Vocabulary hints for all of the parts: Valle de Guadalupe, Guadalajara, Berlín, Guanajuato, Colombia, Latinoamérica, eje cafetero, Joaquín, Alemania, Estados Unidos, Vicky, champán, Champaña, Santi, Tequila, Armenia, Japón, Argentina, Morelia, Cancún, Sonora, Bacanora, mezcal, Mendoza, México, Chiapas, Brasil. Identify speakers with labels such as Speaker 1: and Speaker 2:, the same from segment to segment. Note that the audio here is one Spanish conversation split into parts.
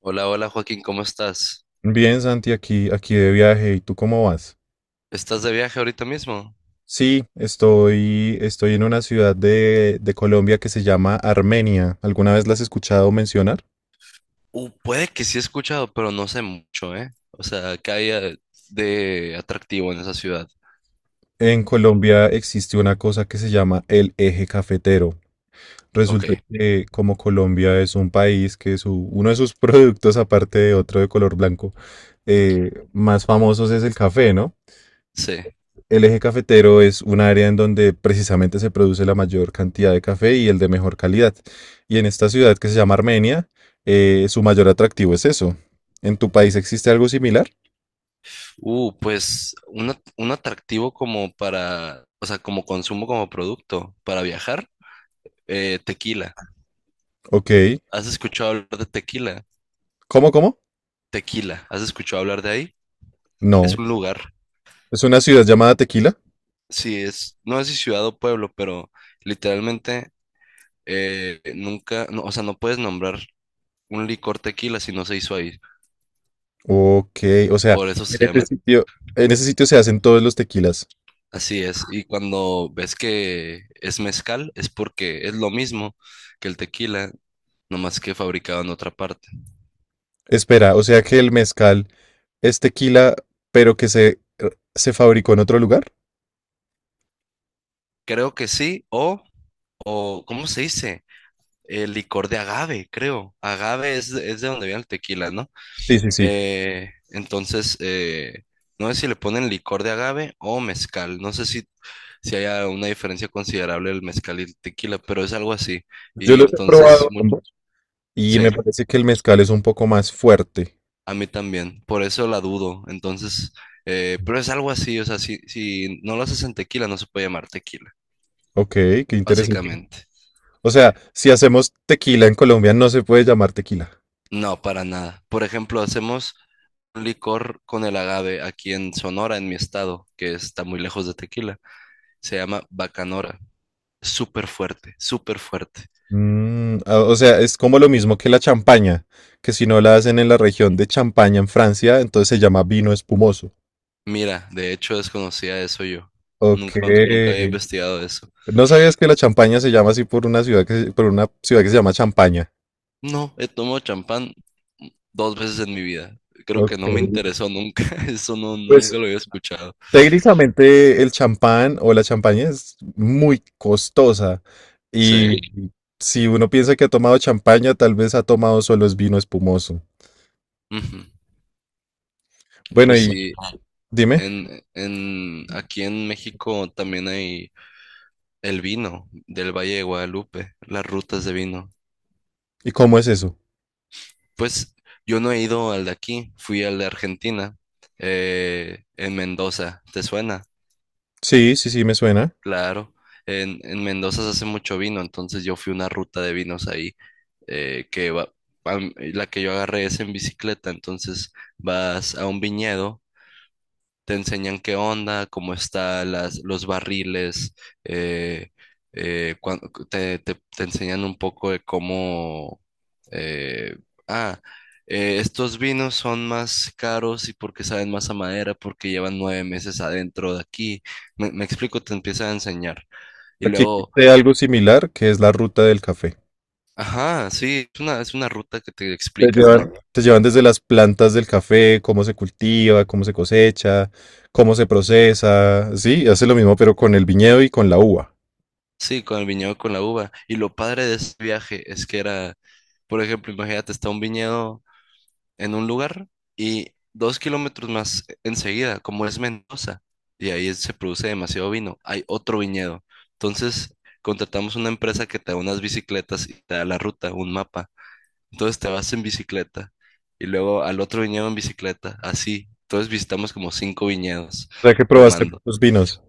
Speaker 1: Hola, hola Joaquín, ¿cómo estás?
Speaker 2: Bien, Santi, aquí de viaje. ¿Y tú cómo vas?
Speaker 1: ¿Estás de viaje ahorita mismo?
Speaker 2: Sí, estoy en una ciudad de Colombia que se llama Armenia. ¿Alguna vez la has escuchado mencionar?
Speaker 1: Puede que sí he escuchado, pero no sé mucho, ¿eh? O sea, ¿qué hay de atractivo en esa ciudad?
Speaker 2: En Colombia existe una cosa que se llama el eje cafetero.
Speaker 1: Ok,
Speaker 2: Resulta que como Colombia es un país uno de sus productos, aparte de otro de color blanco, más famosos es el café, ¿no?
Speaker 1: sí.
Speaker 2: El eje cafetero es un área en donde precisamente se produce la mayor cantidad de café y el de mejor calidad. Y en esta ciudad que se llama Armenia, su mayor atractivo es eso. ¿En tu país existe algo similar?
Speaker 1: Pues un atractivo como para, o sea, como consumo, como producto para viajar, tequila.
Speaker 2: Ok.
Speaker 1: ¿Has escuchado hablar de tequila?
Speaker 2: ¿Cómo, cómo?
Speaker 1: Tequila, ¿has escuchado hablar de ahí? Es
Speaker 2: No.
Speaker 1: un lugar,
Speaker 2: ¿Es una ciudad llamada Tequila?
Speaker 1: sí, es, no sé si ciudad o pueblo, pero literalmente nunca, no, o sea, no puedes nombrar un licor tequila si no se hizo ahí.
Speaker 2: Ok. O sea,
Speaker 1: Por eso se
Speaker 2: en
Speaker 1: llama.
Speaker 2: ese sitio, en ese sitio se hacen todos los tequilas.
Speaker 1: Así es. Y cuando ves que es mezcal, es porque es lo mismo que el tequila, nomás que fabricado en otra parte.
Speaker 2: Espera, o sea que el mezcal es tequila, pero que se fabricó en otro lugar.
Speaker 1: Creo que sí, o ¿cómo se dice? El licor de agave, creo. Agave es, es de donde viene el tequila, ¿no?
Speaker 2: Sí, sí, sí.
Speaker 1: Entonces, no sé si le ponen licor de agave o mezcal. No sé si haya una diferencia considerable del mezcal y el tequila, pero es algo así.
Speaker 2: Yo
Speaker 1: Y
Speaker 2: los he
Speaker 1: entonces,
Speaker 2: probado ambos y me
Speaker 1: sí.
Speaker 2: parece que el mezcal es un poco más fuerte.
Speaker 1: A mí también, por eso la dudo. Entonces, pero es algo así, o sea, si no lo haces en tequila, no se puede llamar tequila,
Speaker 2: Ok, qué interesante.
Speaker 1: básicamente.
Speaker 2: O sea, si hacemos tequila en Colombia no se puede llamar tequila.
Speaker 1: No, para nada. Por ejemplo, hacemos un licor con el agave aquí en Sonora, en mi estado, que está muy lejos de tequila. Se llama Bacanora. Súper fuerte, súper fuerte.
Speaker 2: Mm, ah, o sea, es como lo mismo que la champaña, que si no la hacen en la región de Champaña en Francia, entonces se llama vino espumoso.
Speaker 1: Mira, de hecho desconocía eso yo.
Speaker 2: Ok.
Speaker 1: Nunca, nunca había investigado eso.
Speaker 2: ¿No sabías que la champaña se llama así por una ciudad por una ciudad que se llama Champaña?
Speaker 1: No, he tomado champán dos veces en mi vida. Creo que no me
Speaker 2: Ok.
Speaker 1: interesó nunca. Eso no,
Speaker 2: Pues
Speaker 1: nunca lo había escuchado.
Speaker 2: técnicamente el champán o la champaña es muy costosa y
Speaker 1: Sí.
Speaker 2: sí, si uno piensa que ha tomado champaña, tal vez ha tomado solo es vino espumoso.
Speaker 1: Ujú.
Speaker 2: Bueno,
Speaker 1: Pues
Speaker 2: y
Speaker 1: sí,
Speaker 2: dime,
Speaker 1: aquí en México también hay el vino del Valle de Guadalupe, las rutas de vino.
Speaker 2: ¿y cómo es eso?
Speaker 1: Pues yo no he ido al de aquí, fui al de Argentina, en Mendoza. ¿Te suena?
Speaker 2: Sí, sí, sí, me suena.
Speaker 1: Claro, en Mendoza se hace mucho vino, entonces yo fui una ruta de vinos ahí, que va, la que yo agarré es en bicicleta, entonces vas a un viñedo, te enseñan qué onda, cómo están los barriles, eh, eh, cuan- te enseñan un poco de cómo. eh, ah, Estos vinos son más caros y porque saben más a madera, porque llevan 9 meses adentro de aquí. Me explico, te empieza a enseñar. Y
Speaker 2: Aquí
Speaker 1: luego,
Speaker 2: existe algo similar que es la ruta del café.
Speaker 1: ajá, sí, es una, ruta que te
Speaker 2: Te
Speaker 1: explican, ¿no?
Speaker 2: llevan, te llevan desde las plantas del café, cómo se cultiva, cómo se cosecha, cómo se procesa. Sí, hace lo mismo, pero con el viñedo y con la uva.
Speaker 1: Sí, con el viñedo, con la uva. Y lo padre de ese viaje es que era, por ejemplo, imagínate, está un viñedo en un lugar y 2 kilómetros más enseguida, como es Mendoza, y ahí se produce demasiado vino, hay otro viñedo. Entonces, contratamos una empresa que te da unas bicicletas y te da la ruta, un mapa. Entonces, te vas en bicicleta y luego al otro viñedo en bicicleta, así. Entonces, visitamos como cinco viñedos
Speaker 2: O sea que probaste
Speaker 1: tomando.
Speaker 2: muchos vinos,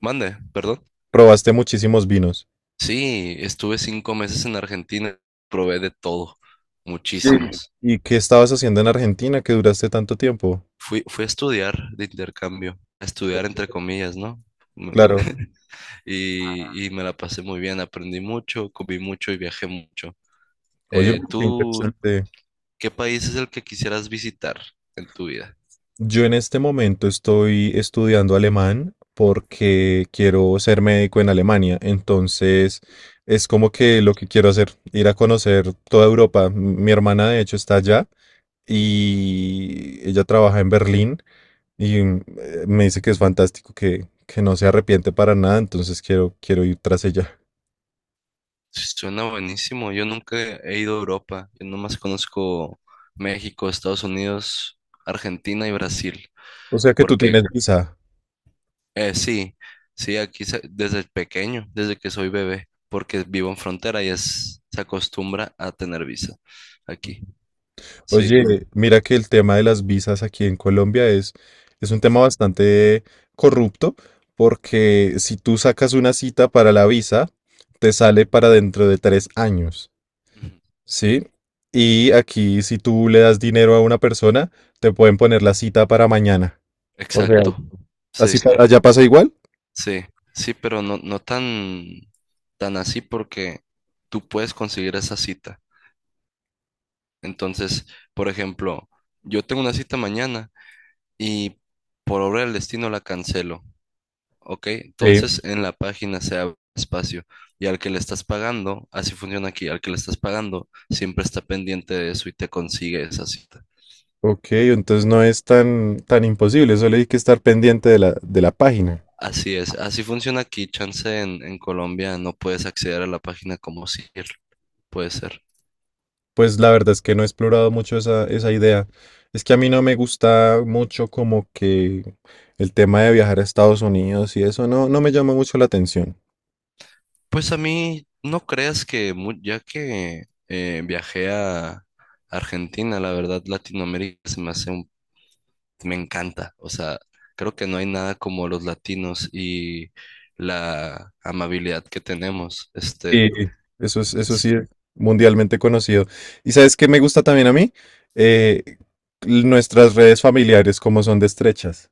Speaker 1: Mande, perdón.
Speaker 2: probaste muchísimos vinos.
Speaker 1: Sí, estuve 5 meses en Argentina, probé de todo,
Speaker 2: Sí.
Speaker 1: muchísimos.
Speaker 2: ¿Y qué estabas haciendo en Argentina que duraste tanto tiempo?
Speaker 1: Fui a estudiar de intercambio, a estudiar entre comillas, ¿no? Me-
Speaker 2: Claro.
Speaker 1: y me la pasé muy bien, aprendí mucho, comí mucho y viajé mucho.
Speaker 2: Oye, qué
Speaker 1: ¿Tú
Speaker 2: interesante.
Speaker 1: qué país es el que quisieras visitar en tu vida?
Speaker 2: Yo en este momento estoy estudiando alemán porque quiero ser médico en Alemania. Entonces, es como que lo que quiero hacer, ir a conocer toda Europa. Mi hermana, de hecho, está allá y ella trabaja en Berlín y me dice que es fantástico, que no se arrepiente para nada. Entonces, quiero ir tras ella.
Speaker 1: Suena buenísimo, yo nunca he ido a Europa, yo nomás conozco México, Estados Unidos, Argentina y Brasil,
Speaker 2: O sea que tú
Speaker 1: porque
Speaker 2: tienes visa.
Speaker 1: Sí, sí, aquí desde pequeño, desde que soy bebé, porque vivo en frontera y es, se acostumbra a tener visa aquí, sí.
Speaker 2: Oye, mira que el tema de las visas aquí en Colombia es un tema bastante corrupto, porque si tú sacas una cita para la visa, te sale para dentro de tres años,
Speaker 1: Ujú.
Speaker 2: ¿sí? Y aquí si tú le das dinero a una persona, te pueden poner la cita para mañana.
Speaker 1: Exacto,
Speaker 2: ¿Así,
Speaker 1: sí,
Speaker 2: sí, allá pasa igual?
Speaker 1: sí, sí, pero no, no tan, tan así porque tú puedes conseguir esa cita. Entonces, por ejemplo, yo tengo una cita mañana y por obra del destino la cancelo. Ok,
Speaker 2: Sí.
Speaker 1: entonces en la página se abre espacio y al que le estás pagando, así funciona aquí, al que le estás pagando siempre está pendiente de eso y te consigue esa cita.
Speaker 2: Ok, entonces no es tan imposible, solo hay que estar pendiente de la página.
Speaker 1: Así es, así funciona aquí, chance en Colombia no puedes acceder a la página como si puede ser.
Speaker 2: Pues la verdad es que no he explorado mucho esa idea. Es que a mí no me gusta mucho como que el tema de viajar a Estados Unidos y eso no, no me llama mucho la atención.
Speaker 1: Pues a mí no creas que ya que viajé a Argentina, la verdad Latinoamérica se me hace un me encanta. O sea, creo que no hay nada como los latinos y la amabilidad que tenemos.
Speaker 2: Sí.
Speaker 1: Este,
Speaker 2: Eso es, eso
Speaker 1: s-
Speaker 2: sí, mundialmente conocido. ¿Y sabes qué me gusta también a mí? Eh, nuestras redes familiares, como son de estrechas.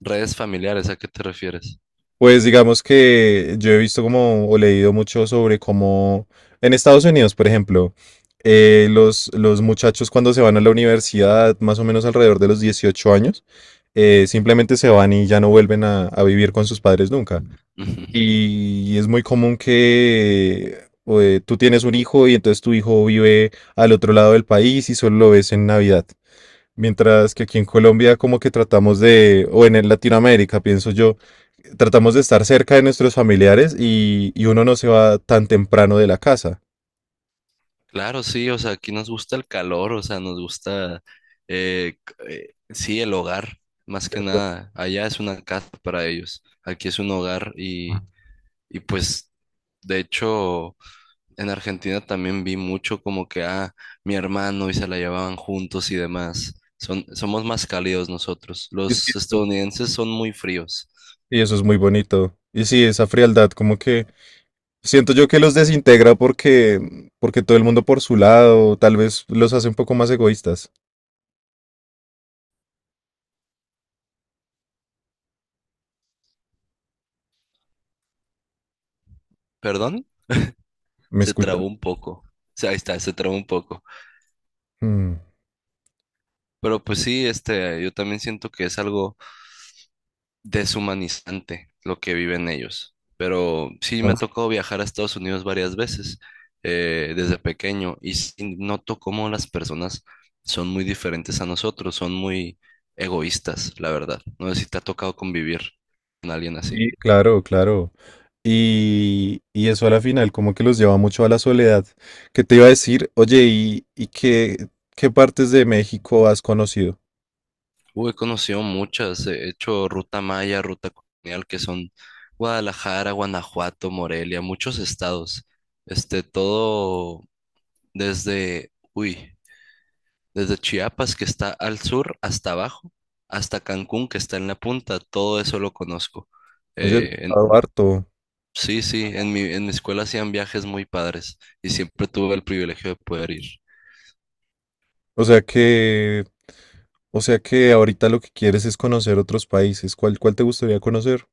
Speaker 1: redes familiares, ¿a qué te refieres?
Speaker 2: Pues digamos que yo he visto como o leído mucho sobre cómo en Estados Unidos, por ejemplo, los muchachos cuando se van a la universidad, más o menos alrededor de los 18 años, simplemente se van y ya no vuelven a vivir con sus padres nunca.
Speaker 1: Ujú.
Speaker 2: Y es muy común que tú tienes un hijo y entonces tu hijo vive al otro lado del país y solo lo ves en Navidad. Mientras que aquí en Colombia como que tratamos de, o en el Latinoamérica, pienso yo, tratamos de estar cerca de nuestros familiares y uno no se va tan temprano de la casa.
Speaker 1: Claro, sí, o sea, aquí nos gusta el calor, o sea, nos gusta, sí, el hogar, más que nada. Allá es una casa para ellos, aquí es un hogar y pues, de hecho. En Argentina también vi mucho como que, mi hermano y se la llevaban juntos y demás. Somos más cálidos nosotros.
Speaker 2: Y sí,
Speaker 1: Los
Speaker 2: eso
Speaker 1: estadounidenses son muy fríos.
Speaker 2: y eso es muy bonito. Y sí, esa frialdad como que siento yo que los desintegra porque todo el mundo por su lado, tal vez los hace un poco más egoístas.
Speaker 1: ¿Perdón?
Speaker 2: ¿Me
Speaker 1: Se
Speaker 2: escuchas?
Speaker 1: trabó un poco. O sea, ahí está, se trabó un poco.
Speaker 2: Mm,
Speaker 1: Pero pues sí, este, yo también siento que es algo deshumanizante lo que viven ellos. Pero sí me ha
Speaker 2: ah,
Speaker 1: tocado viajar a Estados Unidos varias veces desde pequeño y sí noto cómo las personas son muy diferentes a nosotros, son muy egoístas, la verdad. No sé si te ha tocado convivir con alguien así.
Speaker 2: sí, claro, claro. Y eso a la final como que los lleva mucho a la soledad. ¿Qué te iba a decir? Oye, ¿y qué partes de México has conocido?
Speaker 1: Uy, he conocido muchas, he hecho ruta maya, ruta colonial, que son Guadalajara, Guanajuato, Morelia, muchos estados. Este, todo desde, uy. Desde Chiapas, que está al sur, hasta abajo, hasta Cancún, que está en la punta, todo eso lo conozco.
Speaker 2: Oye, he
Speaker 1: Eh, en-
Speaker 2: estado harto.
Speaker 1: sí, sí, en mi escuela hacían viajes muy padres y siempre tuve el privilegio de poder ir.
Speaker 2: O sea que, o sea que ahorita lo que quieres es conocer otros países. ¿Cuál, cuál te gustaría conocer?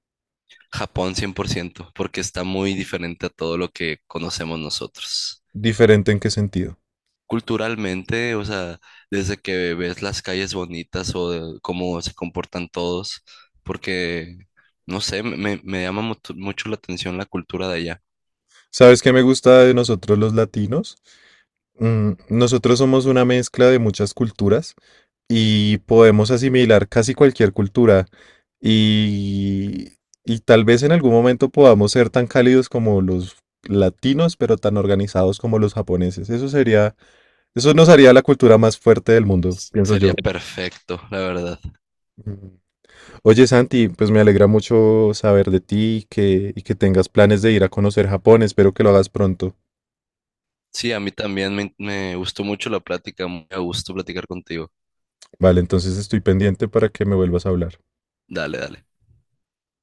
Speaker 1: Japón 100%, porque está muy diferente a todo lo que conocemos nosotros.
Speaker 2: ¿Diferente en qué sentido?
Speaker 1: Culturalmente, o sea, desde que ves las calles bonitas o de cómo se comportan todos, porque, no sé, me llama mucho mucho la atención la cultura de allá.
Speaker 2: ¿Sabes qué me gusta de nosotros los latinos? Mm, nosotros somos una mezcla de muchas culturas y podemos asimilar casi cualquier cultura y, y tal vez en algún momento podamos ser tan cálidos como los latinos, pero tan organizados como los japoneses. Eso sería, eso nos haría la cultura más fuerte del mundo, pienso yo.
Speaker 1: Sería perfecto, la verdad.
Speaker 2: Oye, Santi, pues me alegra mucho saber de ti y que tengas planes de ir a conocer Japón. Espero que lo hagas pronto.
Speaker 1: Sí, a mí también me gustó mucho la plática, muy a gusto platicar contigo.
Speaker 2: Vale, entonces estoy pendiente para que me vuelvas a hablar.
Speaker 1: Dale, dale.